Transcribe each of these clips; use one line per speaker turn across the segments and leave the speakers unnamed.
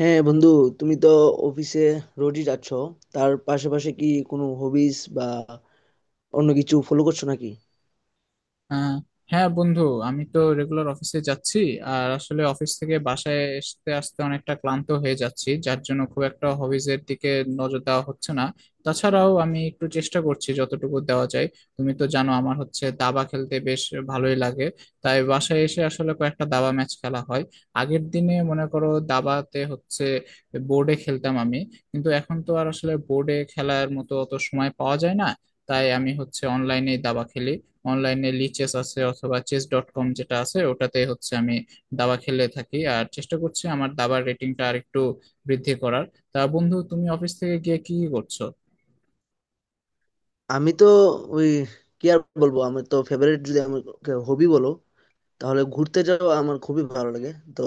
হ্যাঁ, বন্ধু, তুমি তো অফিসে রোজই যাচ্ছ। তার পাশাপাশি কি কোনো হবিস বা অন্য কিছু ফলো করছো নাকি?
আহ, হ্যাঁ বন্ধু, আমি তো রেগুলার অফিসে যাচ্ছি। আর আসলে অফিস থেকে বাসায় আসতে আসতে অনেকটা ক্লান্ত হয়ে যাচ্ছি, যার জন্য খুব একটা হবিজ এর দিকে নজর দেওয়া হচ্ছে না। তাছাড়াও আমি একটু চেষ্টা করছি যতটুকু দেওয়া যায়। তুমি তো জানো আমার হচ্ছে দাবা খেলতে বেশ ভালোই লাগে। তাই বাসায় এসে আসলে কয়েকটা দাবা ম্যাচ খেলা হয়। আগের দিনে মনে করো দাবাতে হচ্ছে বোর্ডে খেলতাম আমি, কিন্তু এখন তো আর আসলে বোর্ডে খেলার মতো অত সময় পাওয়া যায় না। তাই আমি হচ্ছে অনলাইনে দাবা খেলি। অনলাইনে লি চেস আছে অথবা চেস ডট কম যেটা আছে, ওটাতে হচ্ছে আমি দাবা খেলে থাকি, আর চেষ্টা করছি আমার দাবার রেটিংটা আর একটু বৃদ্ধি করার। তা বন্ধু, তুমি অফিস থেকে গিয়ে কি কি করছো?
আমি তো ওই, কি আর বলবো? আমার তো ফেভারিট, যদি আমাকে হবি বলো, তাহলে ঘুরতে যাওয়া আমার খুবই ভালো লাগে। তো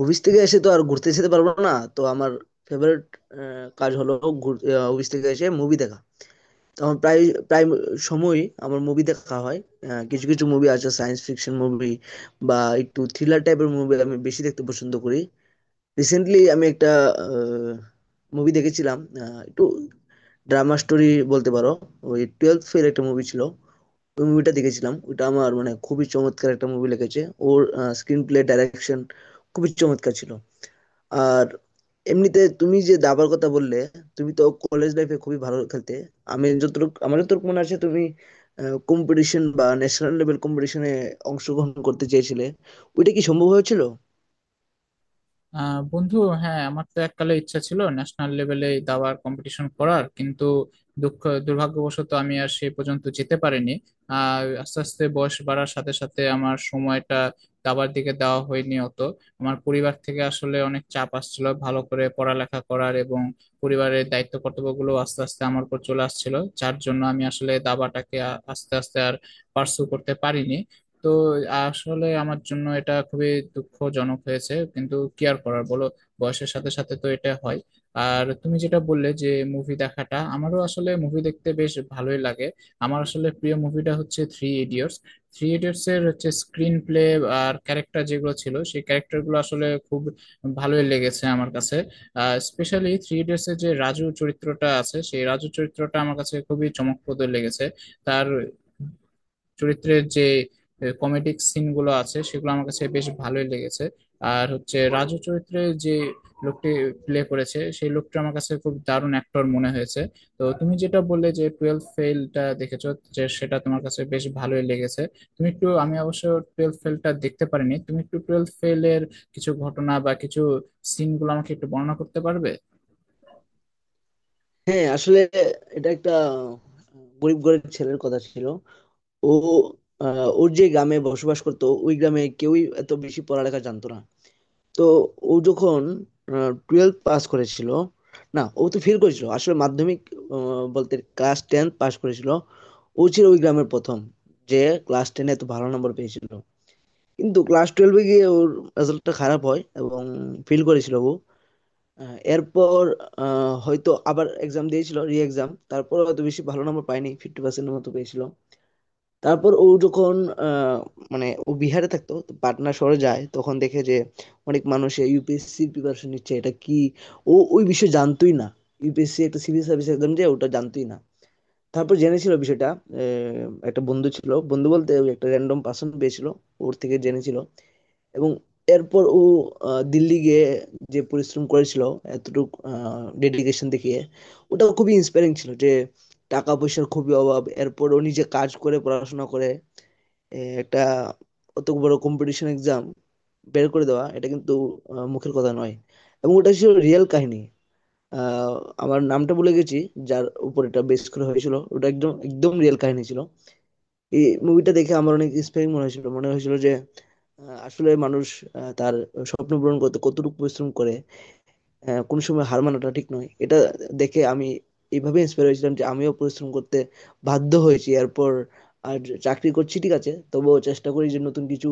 অফিস থেকে এসে তো আর ঘুরতে যেতে পারবো না, তো আমার ফেভারিট কাজ হলো অফিস থেকে এসে মুভি দেখা। তো আমার প্রায় প্রায় সময়ই আমার মুভি দেখা হয়। কিছু কিছু মুভি আছে, সায়েন্স ফিকশন মুভি বা একটু থ্রিলার টাইপের মুভি আমি বেশি দেখতে পছন্দ করি। রিসেন্টলি আমি একটা মুভি দেখেছিলাম, একটু ড্রামা স্টোরি বলতে পারো। ওই টুয়েলভ ফেল একটা মুভি ছিল, ওই মুভিটা দেখেছিলাম। ওটা আমার মানে খুবই চমৎকার একটা মুভি লেগেছে। ওর স্ক্রিন প্লে, ডাইরেকশন খুবই চমৎকার ছিল। আর এমনিতে তুমি যে দাবার কথা বললে, তুমি তো কলেজ লাইফে খুবই ভালো খেলতে। আমি যতটুকু আমার যতটুকু মনে আছে, তুমি কম্পিটিশন বা ন্যাশনাল লেভেল কম্পিটিশনে অংশগ্রহণ করতে চেয়েছিলে। ওইটা কি সম্ভব হয়েছিল?
বন্ধু, হ্যাঁ আমার তো এককালে ইচ্ছা ছিল ন্যাশনাল লেভেলে দাবার কম্পিটিশন করার, কিন্তু দুঃখ দুর্ভাগ্যবশত আমি আর সে পর্যন্ত যেতে পারিনি। আর আস্তে আস্তে বয়স বাড়ার সাথে সাথে আমার সময়টা দাবার দিকে দেওয়া হয়নি অত। আমার পরিবার থেকে আসলে অনেক চাপ আসছিল ভালো করে পড়ালেখা করার, এবং পরিবারের দায়িত্ব কর্তব্যগুলো আস্তে আস্তে আমার উপর চলে আসছিল। যার জন্য আমি আসলে দাবাটাকে আস্তে আস্তে আর পার্সু করতে পারিনি। তো আসলে আমার জন্য এটা খুবই দুঃখজনক হয়েছে, কিন্তু কি আর করার বলো, বয়সের সাথে সাথে তো এটা হয়। আর তুমি যেটা বললে যে মুভি দেখাটা, আমারও আসলে মুভি দেখতে বেশ ভালোই লাগে। আমার আসলে প্রিয় মুভিটা হচ্ছে থ্রি ইডিয়টস। থ্রি ইডিয়টস এর হচ্ছে স্ক্রিন প্লে আর ক্যারেক্টার যেগুলো ছিল, সেই ক্যারেক্টার গুলো আসলে খুব ভালোই লেগেছে আমার কাছে। স্পেশালি থ্রি ইডিয়টস এর যে রাজু চরিত্রটা আছে, সেই রাজু চরিত্রটা আমার কাছে খুবই চমকপ্রদ লেগেছে। তার চরিত্রের যে কমেডিক সিন গুলো আছে সেগুলো আমার কাছে বেশ ভালোই লেগেছে। আর হচ্ছে রাজু চরিত্রে যে লোকটি প্লে করেছে সেই লোকটা আমার কাছে খুব দারুণ অ্যাক্টর মনে হয়েছে। তো তুমি যেটা বললে যে টুয়েলভ ফেলটা দেখেছো, যে সেটা তোমার কাছে বেশ ভালোই লেগেছে, তুমি একটু, আমি অবশ্য টুয়েলভ ফেলটা দেখতে পারিনি, তুমি একটু টুয়েলভ ফেলের কিছু ঘটনা বা কিছু সিনগুলো আমাকে একটু বর্ণনা করতে পারবে?
হ্যাঁ, আসলে এটা একটা গরিব ঘরের ছেলের কথা ছিল। ও ওর যে গ্রামে বসবাস করতো, ওই গ্রামে কেউই এত বেশি পড়ালেখা জানতো না। তো ও যখন টুয়েলভ পাস করেছিল, না, ও তো ফেল করেছিল আসলে মাধ্যমিক, বলতে ক্লাস টেন পাস করেছিল। ও ছিল ওই গ্রামের প্রথম, যে ক্লাস টেনে এত ভালো নম্বর পেয়েছিল। কিন্তু ক্লাস টুয়েলভে গিয়ে ওর রেজাল্টটা খারাপ হয় এবং ফেল করেছিল ও। এরপর হয়তো আবার এক্সাম দিয়েছিল, রি এক্সাম, তারপর হয়তো বেশি ভালো নম্বর পাইনি, ফিফটি পার্সেন্টের মতো পেয়েছিল। তারপর ও যখন আহ, মানে ও বিহারে থাকতো, তো পাটনা শহরে যায়, তখন দেখে যে অনেক মানুষ ইউপিএসসি প্রিপারেশন নিচ্ছে। এটা কি, ও ওই বিষয়ে জানতোই না, ইউপিএসসি একটা সিভিল সার্ভিস এক্সাম, যে ওটা জানতোই না। তারপর জেনেছিল বিষয়টা। একটা বন্ধু ছিল, বন্ধু বলতে ওই একটা র্যান্ডম পার্সন পেয়েছিল, ওর থেকে জেনেছিল। এবং এরপর ও দিল্লি গিয়ে যে পরিশ্রম করেছিল, এতটুকু ডেডিকেশন দেখিয়ে, ওটা খুবই ইন্সপায়ারিং ছিল। যে টাকা পয়সার খুবই অভাব, এরপর ও নিজে কাজ করে পড়াশোনা করে একটা অত বড় কম্পিটিশন এক্সাম বের করে দেওয়া, এটা কিন্তু মুখের কথা নয়। এবং ওটা ছিল রিয়েল কাহিনী। আহ, আমার নামটা ভুলে গেছি, যার উপর এটা বেস করে হয়েছিল। ওটা একদম একদম রিয়েল কাহিনী ছিল। এই মুভিটা দেখে আমার অনেক ইন্সপায়ারিং মনে হয়েছিল। মনে হয়েছিল যে আসলে মানুষ তার স্বপ্ন পূরণ করতে কতটুকু পরিশ্রম করে, কোন সময় হার মানাটা ঠিক নয়। এটা দেখে আমি এইভাবে ইন্সপায়ার হয়েছিলাম যে আমিও পরিশ্রম করতে বাধ্য হয়েছি এরপর। আর চাকরি করছি, ঠিক আছে, তবুও চেষ্টা করি যে নতুন কিছু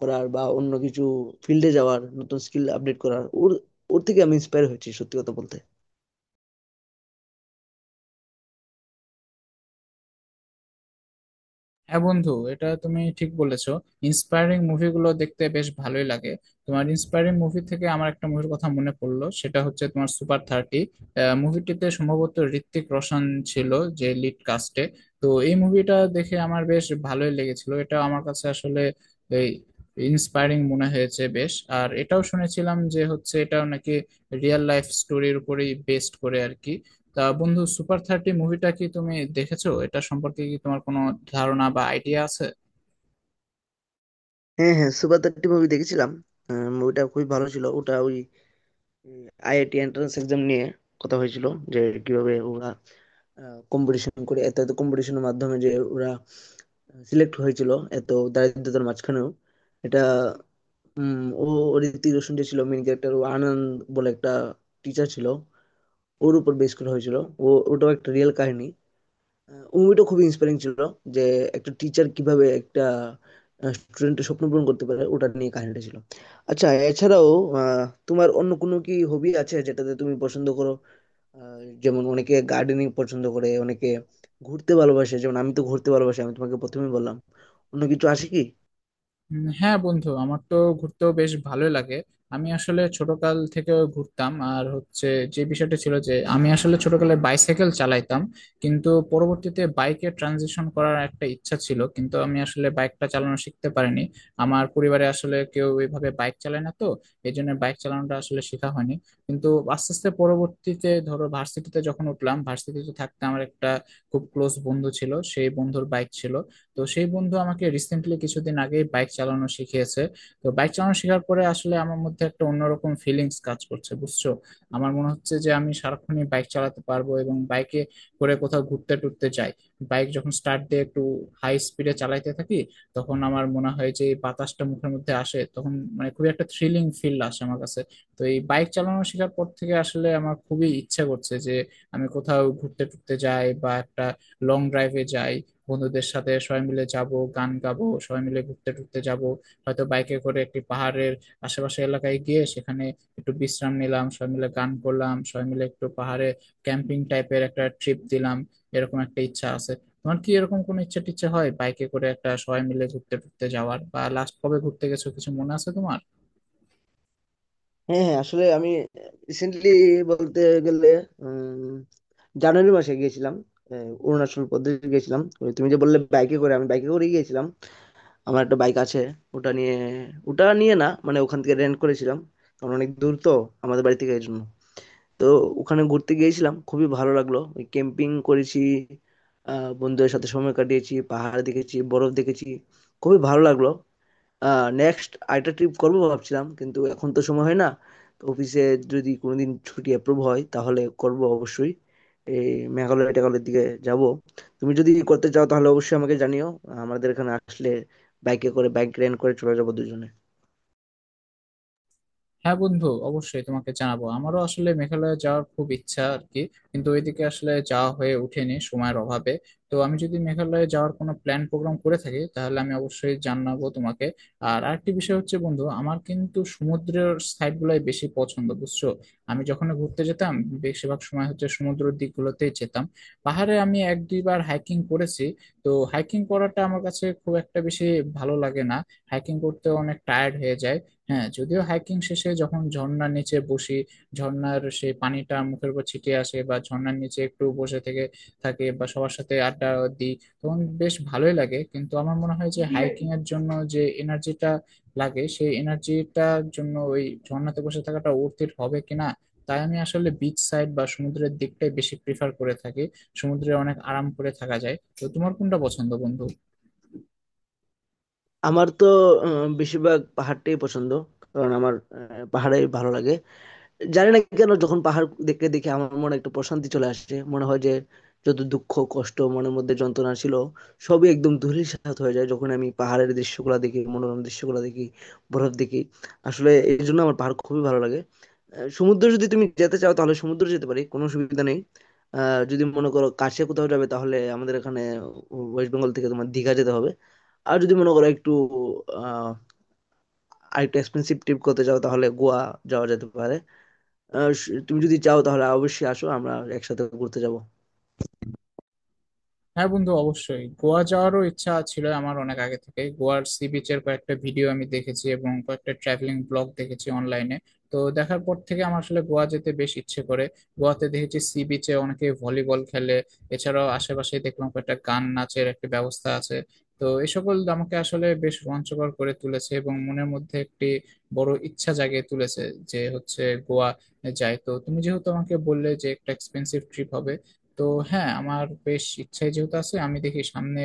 করার বা অন্য কিছু ফিল্ডে যাওয়ার, নতুন স্কিল আপডেট করার। ওর ওর থেকে আমি ইন্সপায়ার হয়েছি, সত্যি কথা বলতে।
হ্যাঁ বন্ধু, এটা তুমি ঠিক বলেছো, ইন্সপায়ারিং মুভিগুলো দেখতে বেশ ভালোই লাগে। তোমার ইন্সপায়ারিং মুভি থেকে আমার একটা মুভির কথা মনে পড়লো, সেটা হচ্ছে তোমার সুপার থার্টি। মুভিটিতে সম্ভবত ঋত্বিক রোশন ছিল, যে লিড কাস্টে। তো এই মুভিটা দেখে আমার বেশ ভালোই লেগেছিল, এটা আমার কাছে আসলে এই ইন্সপায়ারিং মনে হয়েছে বেশ। আর এটাও শুনেছিলাম যে হচ্ছে এটাও নাকি রিয়েল লাইফ স্টোরির উপরেই বেস্ড করে আর কি। তা বন্ধু, সুপার থার্টি মুভিটা কি তুমি দেখেছো? এটা সম্পর্কে কি তোমার কোনো ধারণা বা আইডিয়া আছে?
হ্যাঁ, হ্যাঁ, সুপার থার্টি মুভি দেখেছিলাম। মুভিটা খুবই ভালো ছিল। ওটা ওই আইআইটি এন্ট্রান্স এক্সাম নিয়ে কথা হয়েছিল, যে কিভাবে ওরা কম্পিটিশন করে, এত এত কম্পিটিশনের মাধ্যমে যে ওরা সিলেক্ট হয়েছিল এত দারিদ্রতার মাঝখানেও। এটা ও ও ঋত্বিক রোশন যে ছিল মেন ক্যারেক্টার, ও আনন্দ বলে একটা টিচার ছিল, ওর উপর বেস করা হয়েছিল। ও ওটাও একটা রিয়েল কাহিনী। ওই মুভিটা খুবই ইন্সপায়ারিং ছিল, যে একটা টিচার কিভাবে একটা স্টুডেন্টের স্বপ্ন পূরণ করতে পারে, ওটা নিয়ে কাহিনীটা ছিল। আচ্ছা, এছাড়াও আহ, তোমার অন্য কোনো কি হবি আছে, যেটাতে তুমি পছন্দ করো? যেমন অনেকে গার্ডেনিং পছন্দ করে, অনেকে ঘুরতে ভালোবাসে, যেমন আমি তো ঘুরতে ভালোবাসি, আমি তোমাকে প্রথমেই বললাম। অন্য কিছু আসে কি?
হ্যাঁ বন্ধু, আমার তো ঘুরতেও বেশ ভালোই লাগে। আমি আসলে ছোটকাল থেকে ঘুরতাম, আর হচ্ছে যে বিষয়টা ছিল যে আমি আসলে ছোটকালে বাইসাইকেল চালাইতাম, কিন্তু পরবর্তীতে বাইকে ট্রানজিশন করার একটা ইচ্ছা ছিল, কিন্তু আমি আসলে বাইকটা চালানো শিখতে পারিনি। আমার পরিবারে আসলে কেউ এইভাবে বাইক চালায় না, তো এই জন্য বাইক চালানোটা আসলে শেখা হয়নি। কিন্তু আস্তে আস্তে পরবর্তীতে ধরো ভার্সিটিতে যখন উঠলাম, ভার্সিটিতে থাকতে আমার একটা খুব ক্লোজ বন্ধু ছিল, সেই বন্ধুর বাইক ছিল। তো সেই বন্ধু আমাকে রিসেন্টলি কিছুদিন আগে বাইক চালানো শিখিয়েছে। তো বাইক চালানো শেখার পরে আসলে আমার মধ্যে একটা অন্যরকম ফিলিংস কাজ করছে বুঝছো। আমার মনে হচ্ছে যে আমি সারাক্ষণই বাইক চালাতে পারবো এবং বাইকে করে কোথাও ঘুরতে টুরতে যাই। বাইক যখন স্টার্ট দিয়ে একটু হাই স্পিডে চালাইতে থাকি, তখন আমার মনে হয় যে এই বাতাসটা মুখের মধ্যে আসে তখন মানে খুবই একটা থ্রিলিং ফিল আসে আমার কাছে। তো এই বাইক চালানো শেখার পর থেকে আসলে আমার খুবই ইচ্ছা করছে যে আমি কোথাও ঘুরতে টুরতে যাই বা একটা লং ড্রাইভে যাই, বন্ধুদের সাথে সবাই মিলে যাব, গান গাবো, সবাই মিলে ঘুরতে টুরতে যাব। হয়তো বাইকে করে একটি পাহাড়ের আশেপাশে এলাকায় গিয়ে সেখানে একটু বিশ্রাম নিলাম, সবাই মিলে গান করলাম, সবাই মিলে একটু পাহাড়ে ক্যাম্পিং টাইপের একটা ট্রিপ দিলাম। এরকম একটা ইচ্ছা আছে। তোমার কি এরকম কোনো ইচ্ছা টিচ্ছা হয় বাইকে করে একটা সবাই মিলে ঘুরতে টুরতে যাওয়ার, বা লাস্ট কবে ঘুরতে গেছো কিছু মনে আছে তোমার?
হ্যাঁ, হ্যাঁ, আসলে আমি রিসেন্টলি বলতে গেলে উম, জানুয়ারি মাসে গিয়েছিলাম। অরুণাচল প্রদেশ গিয়েছিলাম। ওই তুমি যে বললে বাইকে করে, আমি বাইকে করে গিয়েছিলাম। আমার একটা বাইক আছে, ওটা নিয়ে, ওটা নিয়ে না, মানে ওখান থেকে রেন্ট করেছিলাম, কারণ অনেক দূর তো আমাদের বাড়ি থেকে, এই জন্য। তো ওখানে ঘুরতে গিয়েছিলাম, খুবই ভালো লাগলো। ওই ক্যাম্পিং করেছি, বন্ধুদের সাথে সময় কাটিয়েছি, পাহাড় দেখেছি, বরফ দেখেছি। খুবই ভালো লাগলো। নেক্সট আরেকটা ট্রিপ করবো ভাবছিলাম, কিন্তু এখন তো সময় হয় না। তো অফিসে যদি কোনোদিন ছুটি অ্যাপ্রুভ হয় তাহলে করব অবশ্যই। এই মেঘালয় টেঘালয়ের দিকে যাব। তুমি যদি করতে চাও তাহলে অবশ্যই আমাকে জানিও, আমাদের এখানে আসলে বাইকে করে, বাইক রেন্ট করে চলে যাবো দুজনে।
হ্যাঁ বন্ধু, অবশ্যই তোমাকে জানাবো, আমারও আসলে মেঘালয় যাওয়ার খুব ইচ্ছা আর কি, কিন্তু ওইদিকে আসলে যাওয়া হয়ে ওঠেনি সময়ের অভাবে। তো আমি যদি মেঘালয়ে যাওয়ার কোনো প্ল্যান প্রোগ্রাম করে থাকি, তাহলে আমি অবশ্যই জানাবো তোমাকে। আর আরেকটি বিষয় হচ্ছে বন্ধু, আমার কিন্তু সমুদ্রের সাইড গুলাই বেশি পছন্দ বুঝছো। আমি যখন ঘুরতে যেতাম, বেশিরভাগ সময় হচ্ছে সমুদ্রের দিকগুলোতেই যেতাম। পাহাড়ে আমি এক দুইবার হাইকিং করেছি। তো হাইকিং করাটা আমার কাছে খুব একটা বেশি ভালো লাগে না, হাইকিং করতে অনেক টায়ার্ড হয়ে যায়। হ্যাঁ, যদিও হাইকিং শেষে যখন ঝর্ণার নিচে বসি, ঝর্ণার সেই পানিটা মুখের উপর ছিটিয়ে আসে বা ঝর্ণার নিচে একটু বসে থেকে থাকে বা সবার সাথে আড্ডা দিই, তখন বেশ ভালোই লাগে। কিন্তু আমার মনে হয় যে হাইকিং এর জন্য যে এনার্জিটা লাগে, সেই এনার্জিটার জন্য ওই ঝর্ণাতে বসে থাকাটা অর্থের হবে কিনা। তাই আমি আসলে বিচ সাইড বা সমুদ্রের দিকটাই বেশি প্রিফার করে থাকি, সমুদ্রে অনেক আরাম করে থাকা যায়। তো তোমার কোনটা পছন্দ বন্ধু?
আমার তো বেশিরভাগ পাহাড়টাই পছন্দ, কারণ আমার পাহাড়ে ভালো লাগে। জানি না কেন, যখন পাহাড় দেখে দেখে আমার মনে একটা প্রশান্তি চলে আসে, মনে হয় যে যত দুঃখ কষ্ট মনের মধ্যে যন্ত্রণা ছিল, সবই একদম ধূলিসাৎ হয়ে যায়, যখন আমি পাহাড়ের দৃশ্যগুলো দেখি, মনোরম দৃশ্যগুলো দেখি, বরফ দেখি। আসলে এই জন্য আমার পাহাড় খুবই ভালো লাগে। সমুদ্র, যদি তুমি যেতে চাও তাহলে সমুদ্র যেতে পারি, কোনো সুবিধা নেই। যদি মনে করো কাছে কোথাও যাবে, তাহলে আমাদের এখানে ওয়েস্ট বেঙ্গল থেকে তোমার দীঘা যেতে হবে। আর যদি মনে করো একটু আহ আরেকটু এক্সপেন্সিভ ট্রিপ করতে চাও, তাহলে গোয়া যাওয়া যেতে পারে। আহ, তুমি যদি চাও তাহলে অবশ্যই আসো, আমরা একসাথে ঘুরতে যাব।
হ্যাঁ বন্ধু, অবশ্যই গোয়া যাওয়ারও ইচ্ছা ছিল আমার অনেক আগে থেকে। গোয়ার সি বিচের কয়েকটা ভিডিও আমি দেখেছি এবং কয়েকটা ট্রাভেলিং ব্লগ দেখেছি অনলাইনে। তো দেখার পর থেকে আমার আসলে গোয়া যেতে বেশ ইচ্ছে করে। গোয়াতে দেখেছি সি বিচে অনেকে ভলিবল খেলে, এছাড়াও আশেপাশে দেখলাম কয়েকটা গান নাচের একটা ব্যবস্থা আছে। তো এই সকল আমাকে আসলে বেশ রোমাঞ্চকর করে তুলেছে এবং মনের মধ্যে একটি বড় ইচ্ছা জাগিয়ে তুলেছে যে হচ্ছে গোয়া যায়। তো তুমি যেহেতু আমাকে বললে যে একটা এক্সপেন্সিভ ট্রিপ হবে, তো হ্যাঁ আমার বেশ ইচ্ছাই যেহেতু আছে, আমি দেখি সামনে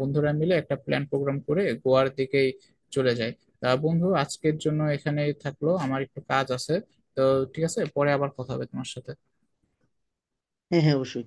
বন্ধুরা মিলে একটা প্ল্যান প্রোগ্রাম করে গোয়ার দিকেই চলে যাই। তা বন্ধু, আজকের জন্য এখানেই থাকলো, আমার একটু কাজ আছে। তো ঠিক আছে, পরে আবার কথা হবে তোমার সাথে।
হ্যাঁ, হ্যাঁ, অবশ্যই।